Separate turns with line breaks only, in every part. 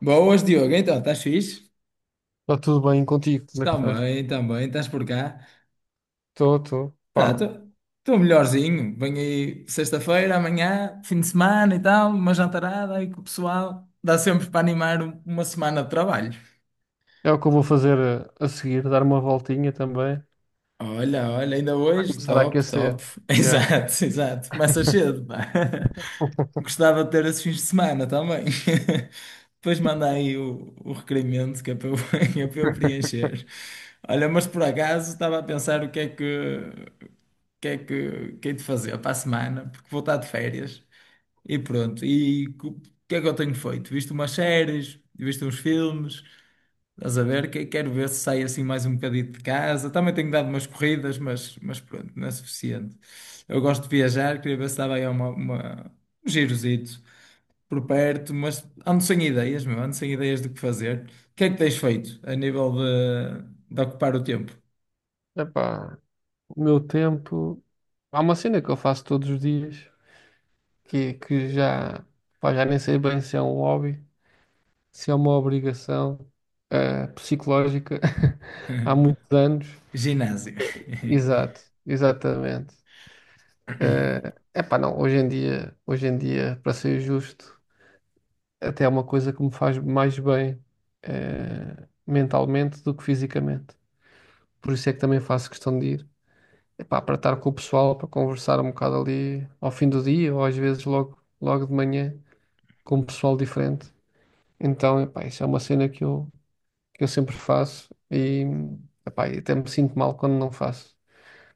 Boas, Diogo. Então, estás fixe?
Está tudo bem contigo? Como é que estás?
Estás por cá.
Estou, estou.
Tá,
Pá,
estou melhorzinho. Venho aí sexta-feira, amanhã, fim de semana e tal, uma jantarada aí com o pessoal. Dá sempre para animar uma semana de trabalho.
é o que eu vou fazer a seguir, dar uma voltinha também,
Olha, ainda
para
hoje,
começar a
top,
aquecer.
top.
É.
Exato, exato. Começa cedo, pá. Gostava de ter esses fins de semana também. Depois manda aí o requerimento que é para eu, que é para eu preencher. Olha, mas por acaso estava a pensar o que é que é que hei de fazer para a semana, porque vou estar de férias e pronto. O que é que eu tenho feito? Visto umas séries, visto uns filmes, estás a ver? Quero ver se saio assim mais um bocadinho de casa. Também tenho dado umas corridas, mas pronto, não é suficiente. Eu gosto de viajar, queria ver se dava aí um girozito por perto, mas ando sem ideias, meu, ando sem ideias do que fazer. O que é que tens feito a nível de ocupar o tempo?
Epá, o meu tempo. Há uma cena que eu faço todos os dias, que já, pá, já nem sei bem se é um hobby, se é uma obrigação psicológica, há muitos anos.
Ginásio.
Exato, exatamente. É, epá, não, hoje em dia, para ser justo, até é uma coisa que me faz mais bem mentalmente do que fisicamente. Por isso é que também faço questão de ir. Epá, para estar com o pessoal, para conversar um bocado ali ao fim do dia ou às vezes logo, logo de manhã com um pessoal diferente. Então, epá, isso é uma cena que eu sempre faço e, epá, e até me sinto mal quando não faço.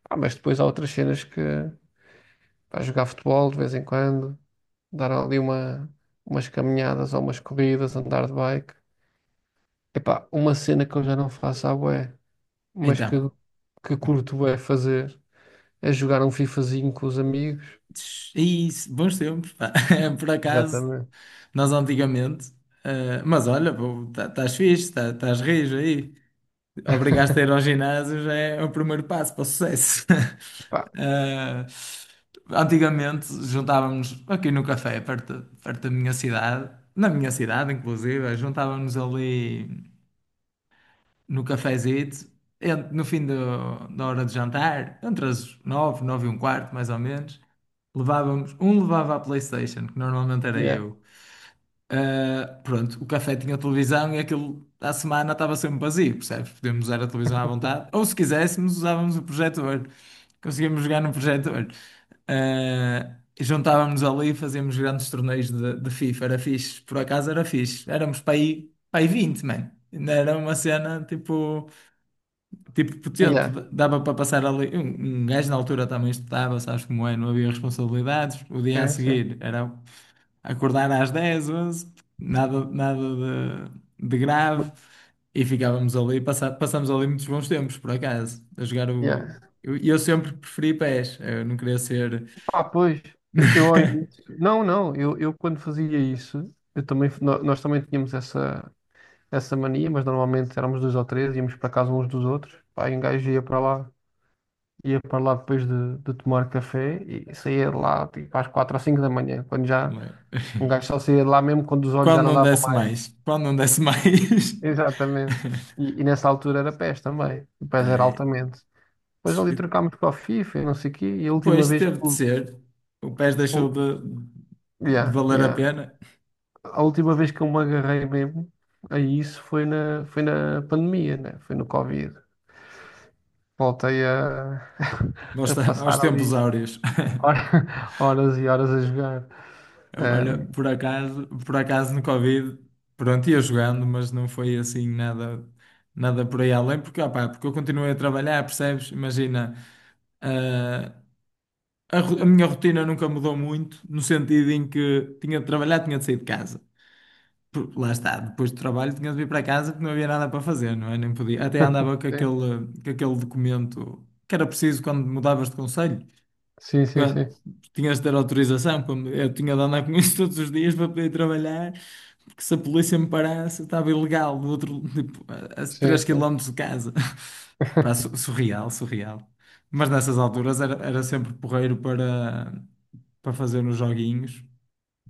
Ah, mas depois há outras cenas que, pá, jogar futebol de vez em quando, dar ali umas caminhadas ou umas corridas, andar de bike. Epá, uma cena que eu já não faço à bué, mas que,
Então.
que curto bué fazer, é jogar um FIFAzinho com os amigos.
É isso, bons tempos, pá. Por acaso,
Exatamente.
nós antigamente. Mas olha, estás fixe, tá, estás rijo aí. Obrigaste a ir ao ginásio já é o primeiro passo para o sucesso.
Pá,
Eh, Antigamente juntávamos aqui no café, perto da minha cidade, na minha cidade, inclusive, juntávamos ali no cafezito, no fim da hora de jantar, entre as nove, nove e um quarto, mais ou menos, levávamos, um levava a PlayStation, que normalmente era
yeah,
eu. Ah, pronto, o café tinha televisão e aquilo à semana estava sempre vazio, percebes? Podíamos usar a televisão à vontade, ou se quiséssemos, usávamos o projetor. Conseguíamos jogar no projetor. Ah, e juntávamos ali e fazíamos grandes torneios de FIFA. Era fixe, por acaso era fixe. Éramos para aí 20, mano. Ainda era uma cena tipo potente,
yeah,
dava para passar ali. Um gajo na altura também estudava, sabes como é, não havia responsabilidades. O dia a
sim, sim.
seguir era acordar às 10, 11, nada de grave. E ficávamos ali, passamos ali muitos bons tempos, por acaso, a jogar o.
Yeah.
Eu sempre preferi pés, eu não queria ser.
Ah, pois, eu não, não, eu quando fazia isso, eu também, nós também tínhamos essa mania, mas normalmente éramos dois ou três, íamos para casa uns dos outros, pá, e um gajo ia para lá depois de tomar café e saía de lá tipo às quatro ou cinco da manhã, quando já...
Como é?
Um gajo só saía de lá mesmo quando os olhos já
Quando
não
não
davam
desse
mais.
mais, quando não desse mais.
Exatamente. E, e nessa altura era PES também. O PES era
Ai,
altamente. Depois ali trocámos para o FIFA e não sei o quê. E a última
pois
vez que
teve de
eu...
ser. O PES deixou
o-
de
yeah,
valer a
yeah.
pena
A última vez que eu me agarrei mesmo a isso foi na pandemia, né? Foi no Covid. Voltei
aos,
a
aos
passar
tempos
ali
áureos.
horas e horas a jogar.
Olha,
Ahm,
por acaso no Covid, pronto, ia jogando, mas não foi assim nada, nada por aí além, porque, opá, porque eu continuei a trabalhar, percebes? Imagina, ah, a minha rotina nunca mudou muito, no sentido em que tinha de trabalhar, tinha de sair de casa. Porque lá está, depois do trabalho tinha de vir para casa porque não havia nada para fazer, não é? Nem podia. Até andava com aquele documento que era preciso quando mudavas de conselho,
sim,
porque
sim, sim.
ah, tinhas de ter autorização. Quando eu tinha de andar com isso todos os dias para poder trabalhar, porque se a polícia me parasse, eu estava ilegal do outro, tipo, a
Sim,
3
sim.
km de casa. Pá,
Sim.
surreal, surreal. Mas nessas alturas era sempre porreiro para fazer uns joguinhos.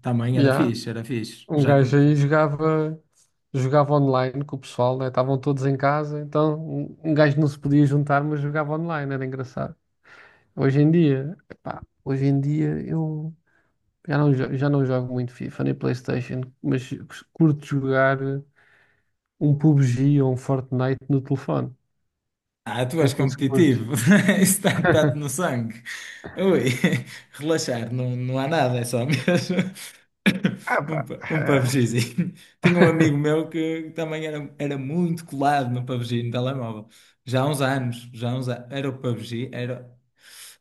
Também era
Yeah.
fixe, era fixe.
Um
Já que
gajo aí jogava online com o pessoal, né? Estavam todos em casa, então um gajo não se podia juntar, mas jogava online, era engraçado. Hoje em dia, epá, hoje em dia eu já não... já não jogo muito FIFA nem PlayStation, mas curto jogar um PUBG ou um Fortnite no telefone.
ah, tu
Não
és
sei se curtes.
competitivo. Isso está-te no sangue. Ui, relaxar, não, não há nada, é só mesmo
Ah, pá.
um PUBGzinho. Tinha um amigo meu que também era muito colado no PUBG, no telemóvel. Já há uns anos, já há uns anos. Era o PUBG, era,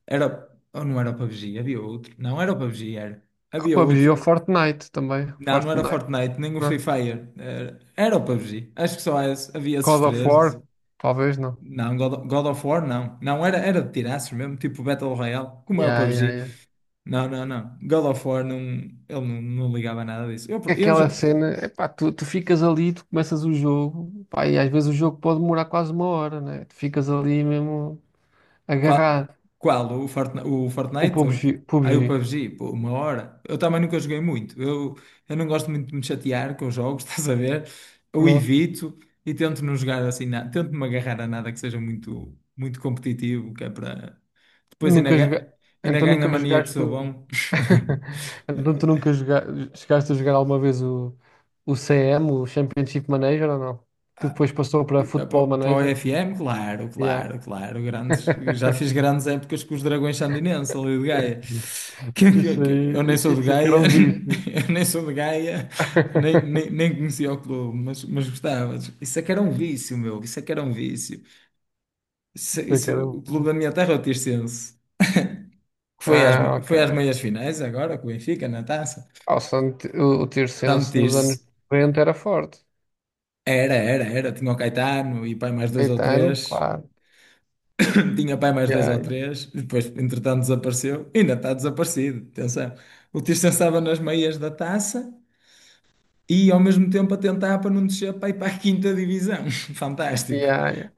era, ou não era o PUBG, havia outro. Não era o PUBG, era.
O
Havia
PUBG
outro.
ou Fortnite também.
Não, não era o
Fortnite,
Fortnite, nem o Free
não.
Fire. Era o PUBG. Acho que só esse- havia esses
Call of
três.
War, talvez não.
Não, God of War não. Não, era de tirar mesmo, tipo Battle Royale, como é o
Yeah, yeah,
PUBG.
yeah.
Não, não, não. God of War não, ele não, não ligava nada disso. Eu já,
Aquela cena, epá, tu ficas ali, tu começas o jogo, pá, e às vezes o jogo pode demorar quase uma hora, né? Tu ficas ali mesmo
qual,
agarrado.
qual? O Fortnite? O
O
Fortnite?
PUBG,
Aí o
PUBG,
PUBG, pô, uma hora. Eu também nunca joguei muito. Eu não gosto muito de me chatear com os jogos, estás a ver? Eu
não?
evito e tento não jogar assim nada. Tento-me agarrar a nada que seja muito competitivo, que é para. Depois ainda,
Nunca joga.
ainda
Então
ganho a
nunca
mania que
jogaste.
sou
o-
bom.
Então tu nunca joga. Chegaste a jogar alguma vez o CM, o Championship Manager ou não? Que depois passou para Football
Para o
Manager?
FM, claro,
Yeah.
claro, claro. Grandes, já fiz grandes épocas com os Dragões Sandinenses ali de Gaia.
Isso aí,
Eu nem sou de
isso aqui era
Gaia,
um vício.
eu nem sou de Gaia, nem conhecia o clube, mas gostava. Isso é que era um vício, meu. Isso é que era um vício.
Isso aqui era um.
O clube da minha terra é o Tirsense, que foi às,
Ah, ok.
foi às meias finais agora, com o Benfica na taça.
Ah, o, Sant- o
Tanto
Tirsense nos anos
Tirse.
90 era forte.
Era. Tinha o Caetano e pai mais dois ou
Caetano,
três.
claro.
Tinha pai mais dois ou
Yeah,
três, e depois, entretanto, desapareceu. Ainda está desaparecido, atenção. O Tirso estava nas meias da taça e, ao mesmo tempo, a tentar para não descer para ir para a quinta divisão. Fantástico,
yeah, yeah.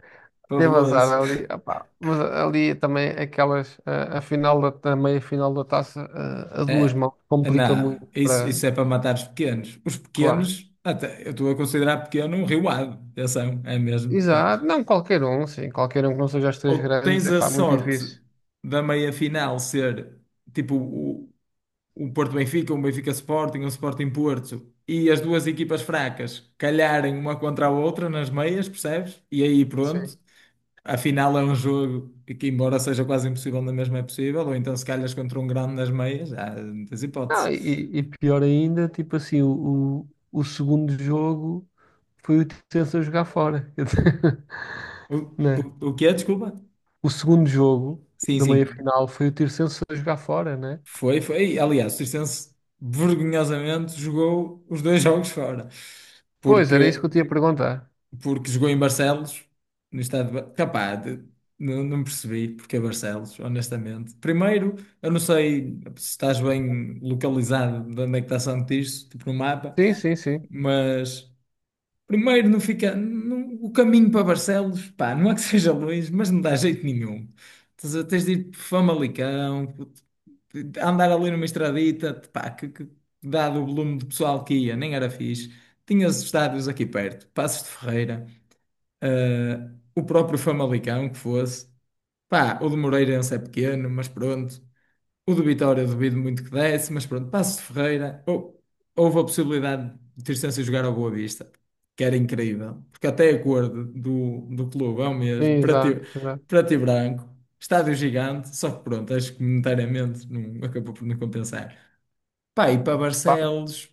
Teve azar
fabuloso.
ali, opá. Mas ali também aquelas, a final a meia final da taça, a duas mãos, complica
Não,
muito para...
isso é para matar os pequenos. Os
Claro.
pequenos, até, eu estou a considerar pequeno um riuado, atenção, é mesmo. Pá.
Exato. Não, qualquer um, sim. Qualquer um que não seja as três
Ou
grandes,
tens
é
a
pá, muito
sorte
difícil.
da meia-final ser, tipo, o Porto Benfica, um Benfica Sporting, um Sporting Porto e as duas equipas fracas calharem uma contra a outra nas meias, percebes? E aí pronto,
Sim.
afinal é um jogo que, embora seja quase impossível, na mesma é possível, ou então se calhas contra um grande nas meias, há muitas
Não,
hipóteses.
e pior ainda, tipo assim, o segundo jogo foi o Tirsense a jogar fora.
O,
Né?
o que é? Desculpa?
O segundo jogo
Sim,
da
sim.
meia-final foi o Tirsenso a jogar fora, né?
Foi, foi. Aliás, o Circense vergonhosamente jogou os dois jogos fora,
Pois, era
porque
isso que eu tinha a perguntar.
porque jogou em Barcelos, no estado de... Capaz, não, não percebi porque é Barcelos, honestamente. Primeiro, eu não sei se estás bem localizado de onde é que está Santo Tirso, tipo no mapa,
Sim, sim, sim.
mas primeiro não fica... O caminho para Barcelos, pá, não é que seja longe, mas não dá jeito nenhum. Tens de ir por Famalicão, andar ali numa estradita, pá, que dado o volume de pessoal que ia, nem era fixe. Tinhas estádios aqui perto, Passos de Ferreira. O próprio Famalicão que fosse. Pá, o do Moreirense é pequeno, mas pronto. O do Vitória eu duvido muito que desse, mas pronto. Paços de Ferreira, houve a possibilidade de Tirsense jogar ao Boa Vista, que era incrível, porque até a cor do clube é o
Sim,
mesmo,
exato, exato.
preto e branco, estádio gigante, só que pronto, acho que monetariamente não, acabou por não compensar. Pá, e para
Pá,
Barcelos.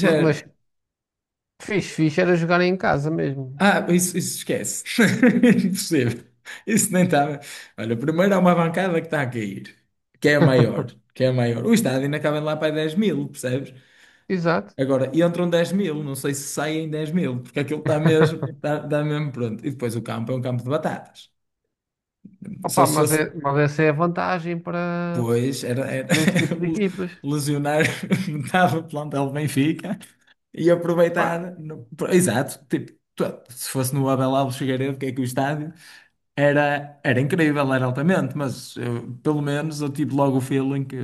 mas fixe, fixe era jogar em casa mesmo.
ah, isso esquece. Impossível. Isso nem estava. Olha, primeiro há uma bancada que está a cair, que é a maior, que é a maior. O estádio ainda cabe lá para 10 mil, percebes?
Exato.
Agora, entram 10 mil, não sei se saem 10 mil, porque aquilo está mesmo, está mesmo pronto. E depois o campo é um campo de batatas. Só
Opa,
se
mas,
fosse,
é, mas essa é a vantagem
pois, era
para, esse tipo de equipas.
lesionar metade do plantel do Benfica e
Pá,
aproveitar. Exato, tipo, se fosse no Abel Alves Figueiredo, que é que o estádio. Era incrível, era altamente, mas eu- pelo menos eu tive logo o feeling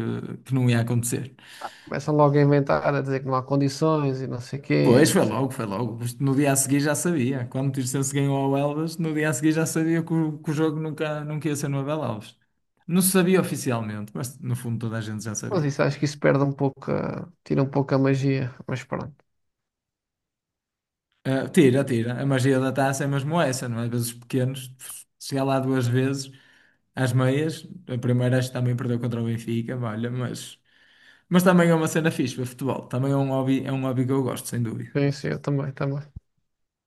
que não ia acontecer.
começam logo a inventar, a dizer que não há condições e não sei quê,
Pois,
não
foi
sei o
logo, foi
quê.
logo. Isto no dia a seguir já sabia. Quando o Tirsense ganhou ao Elvas, no dia a seguir já sabia que o jogo nunca ia ser no Abel Alves. Não se sabia oficialmente, mas no fundo toda a gente já
Mas
sabia.
isso acho que isso perde um pouco, tira um pouco a magia. Mas pronto.
Ah, tira, tira. A magia da taça é mesmo essa, não é? Às vezes os pequenos, chegar lá duas vezes, às meias, a primeira acho que também perdeu contra o Benfica, olha, mas. Mas também é uma cena fixe, ver futebol. Também é um hobby que eu gosto, sem dúvida.
Sim, sim, eu também, também.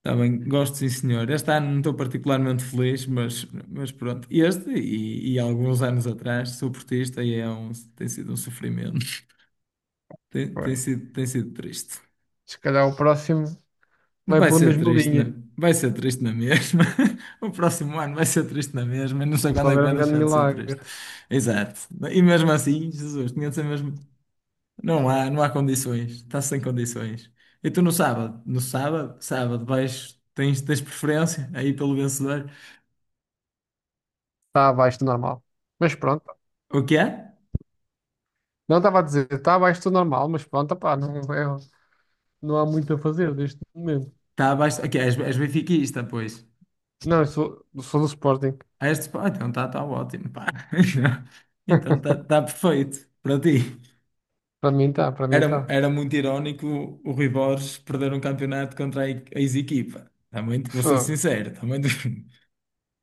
Também gosto, sim, senhor. Este ano não estou particularmente feliz, mas pronto. E alguns anos atrás, sou portista e é um, tem sido um sofrimento.
Pois.
Tem sido triste.
Se calhar o próximo vai
Vai
pela
ser
mesma
triste,
linha.
vai ser triste na mesma. O próximo ano vai ser triste na mesma. Eu não sei
Ou se
quando é que
houver
vai
um grande
deixar de ser
milagre.
triste. Exato. E mesmo assim, Jesus, tinha de ser mesmo. Não há, não há condições. Está sem condições. E tu no sábado? No sábado, sábado, vais, tens preferência aí pelo vencedor?
Está abaixo do normal. Mas pronto.
O que é?
Não estava a dizer, está abaixo do normal, mas pronto, pá, não, não há muito a fazer neste momento.
Está abaixo. O que é? És benfiquista, pois.
Não, eu sou do Sporting.
Ah, este, pá, então está tá tá ótimo, pá. Então está tá tá perfeito para ti.
Para mim está, para mim está.
Era muito irónico o Rui Borges perder um campeonato contra a ex-equipa. Também, vou ser
Fogo.
sincero, também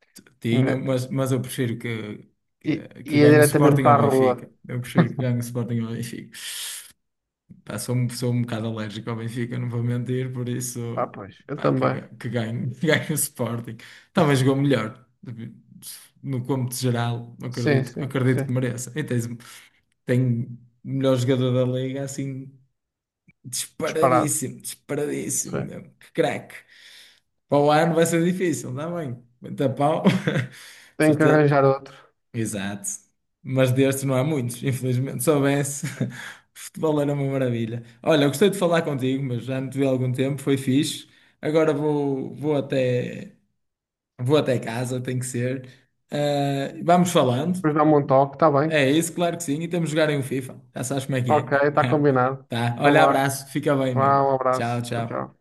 tinha,
Né?
mas eu prefiro que
Ia
ganhe o
diretamente
Sporting
para
ao
a rua.
Benfica. Eu prefiro que ganhe o Sporting ao Benfica. Pá, sou um bocado alérgico ao Benfica, não vou mentir, por isso,
Ah, pois, eu
pá, que,
também.
ga- que ganho, que ganho o Sporting. Talvez jogou melhor, no cômputo geral,
Sim, sim,
acredito que
sim.
mereça. E tens, tem o melhor jogador da liga, assim,
Disparado.
disparadíssimo, disparadíssimo,
Sim.
mesmo. Que craque. Para o ano vai ser difícil, está bem, muita pau,
Tenho que
certeza.
arranjar outro.
Exato. Mas destes não há muitos, infelizmente. Se soubesse, futebol era uma maravilha. Olha, eu gostei de falar contigo, mas já não te vi há algum tempo, foi fixe. Agora vou até casa, tem que ser. Ah, vamos falando.
Depois dá-me um toque, está bem.
É isso, claro que sim. E temos de jogar em um FIFA. Já sabes como é que é.
Ok, está combinado.
Tá.
Então
Olha,
vá.
abraço. Fica bem, meu.
Vá, um
Tchau,
abraço. Tchau,
tchau.
tchau.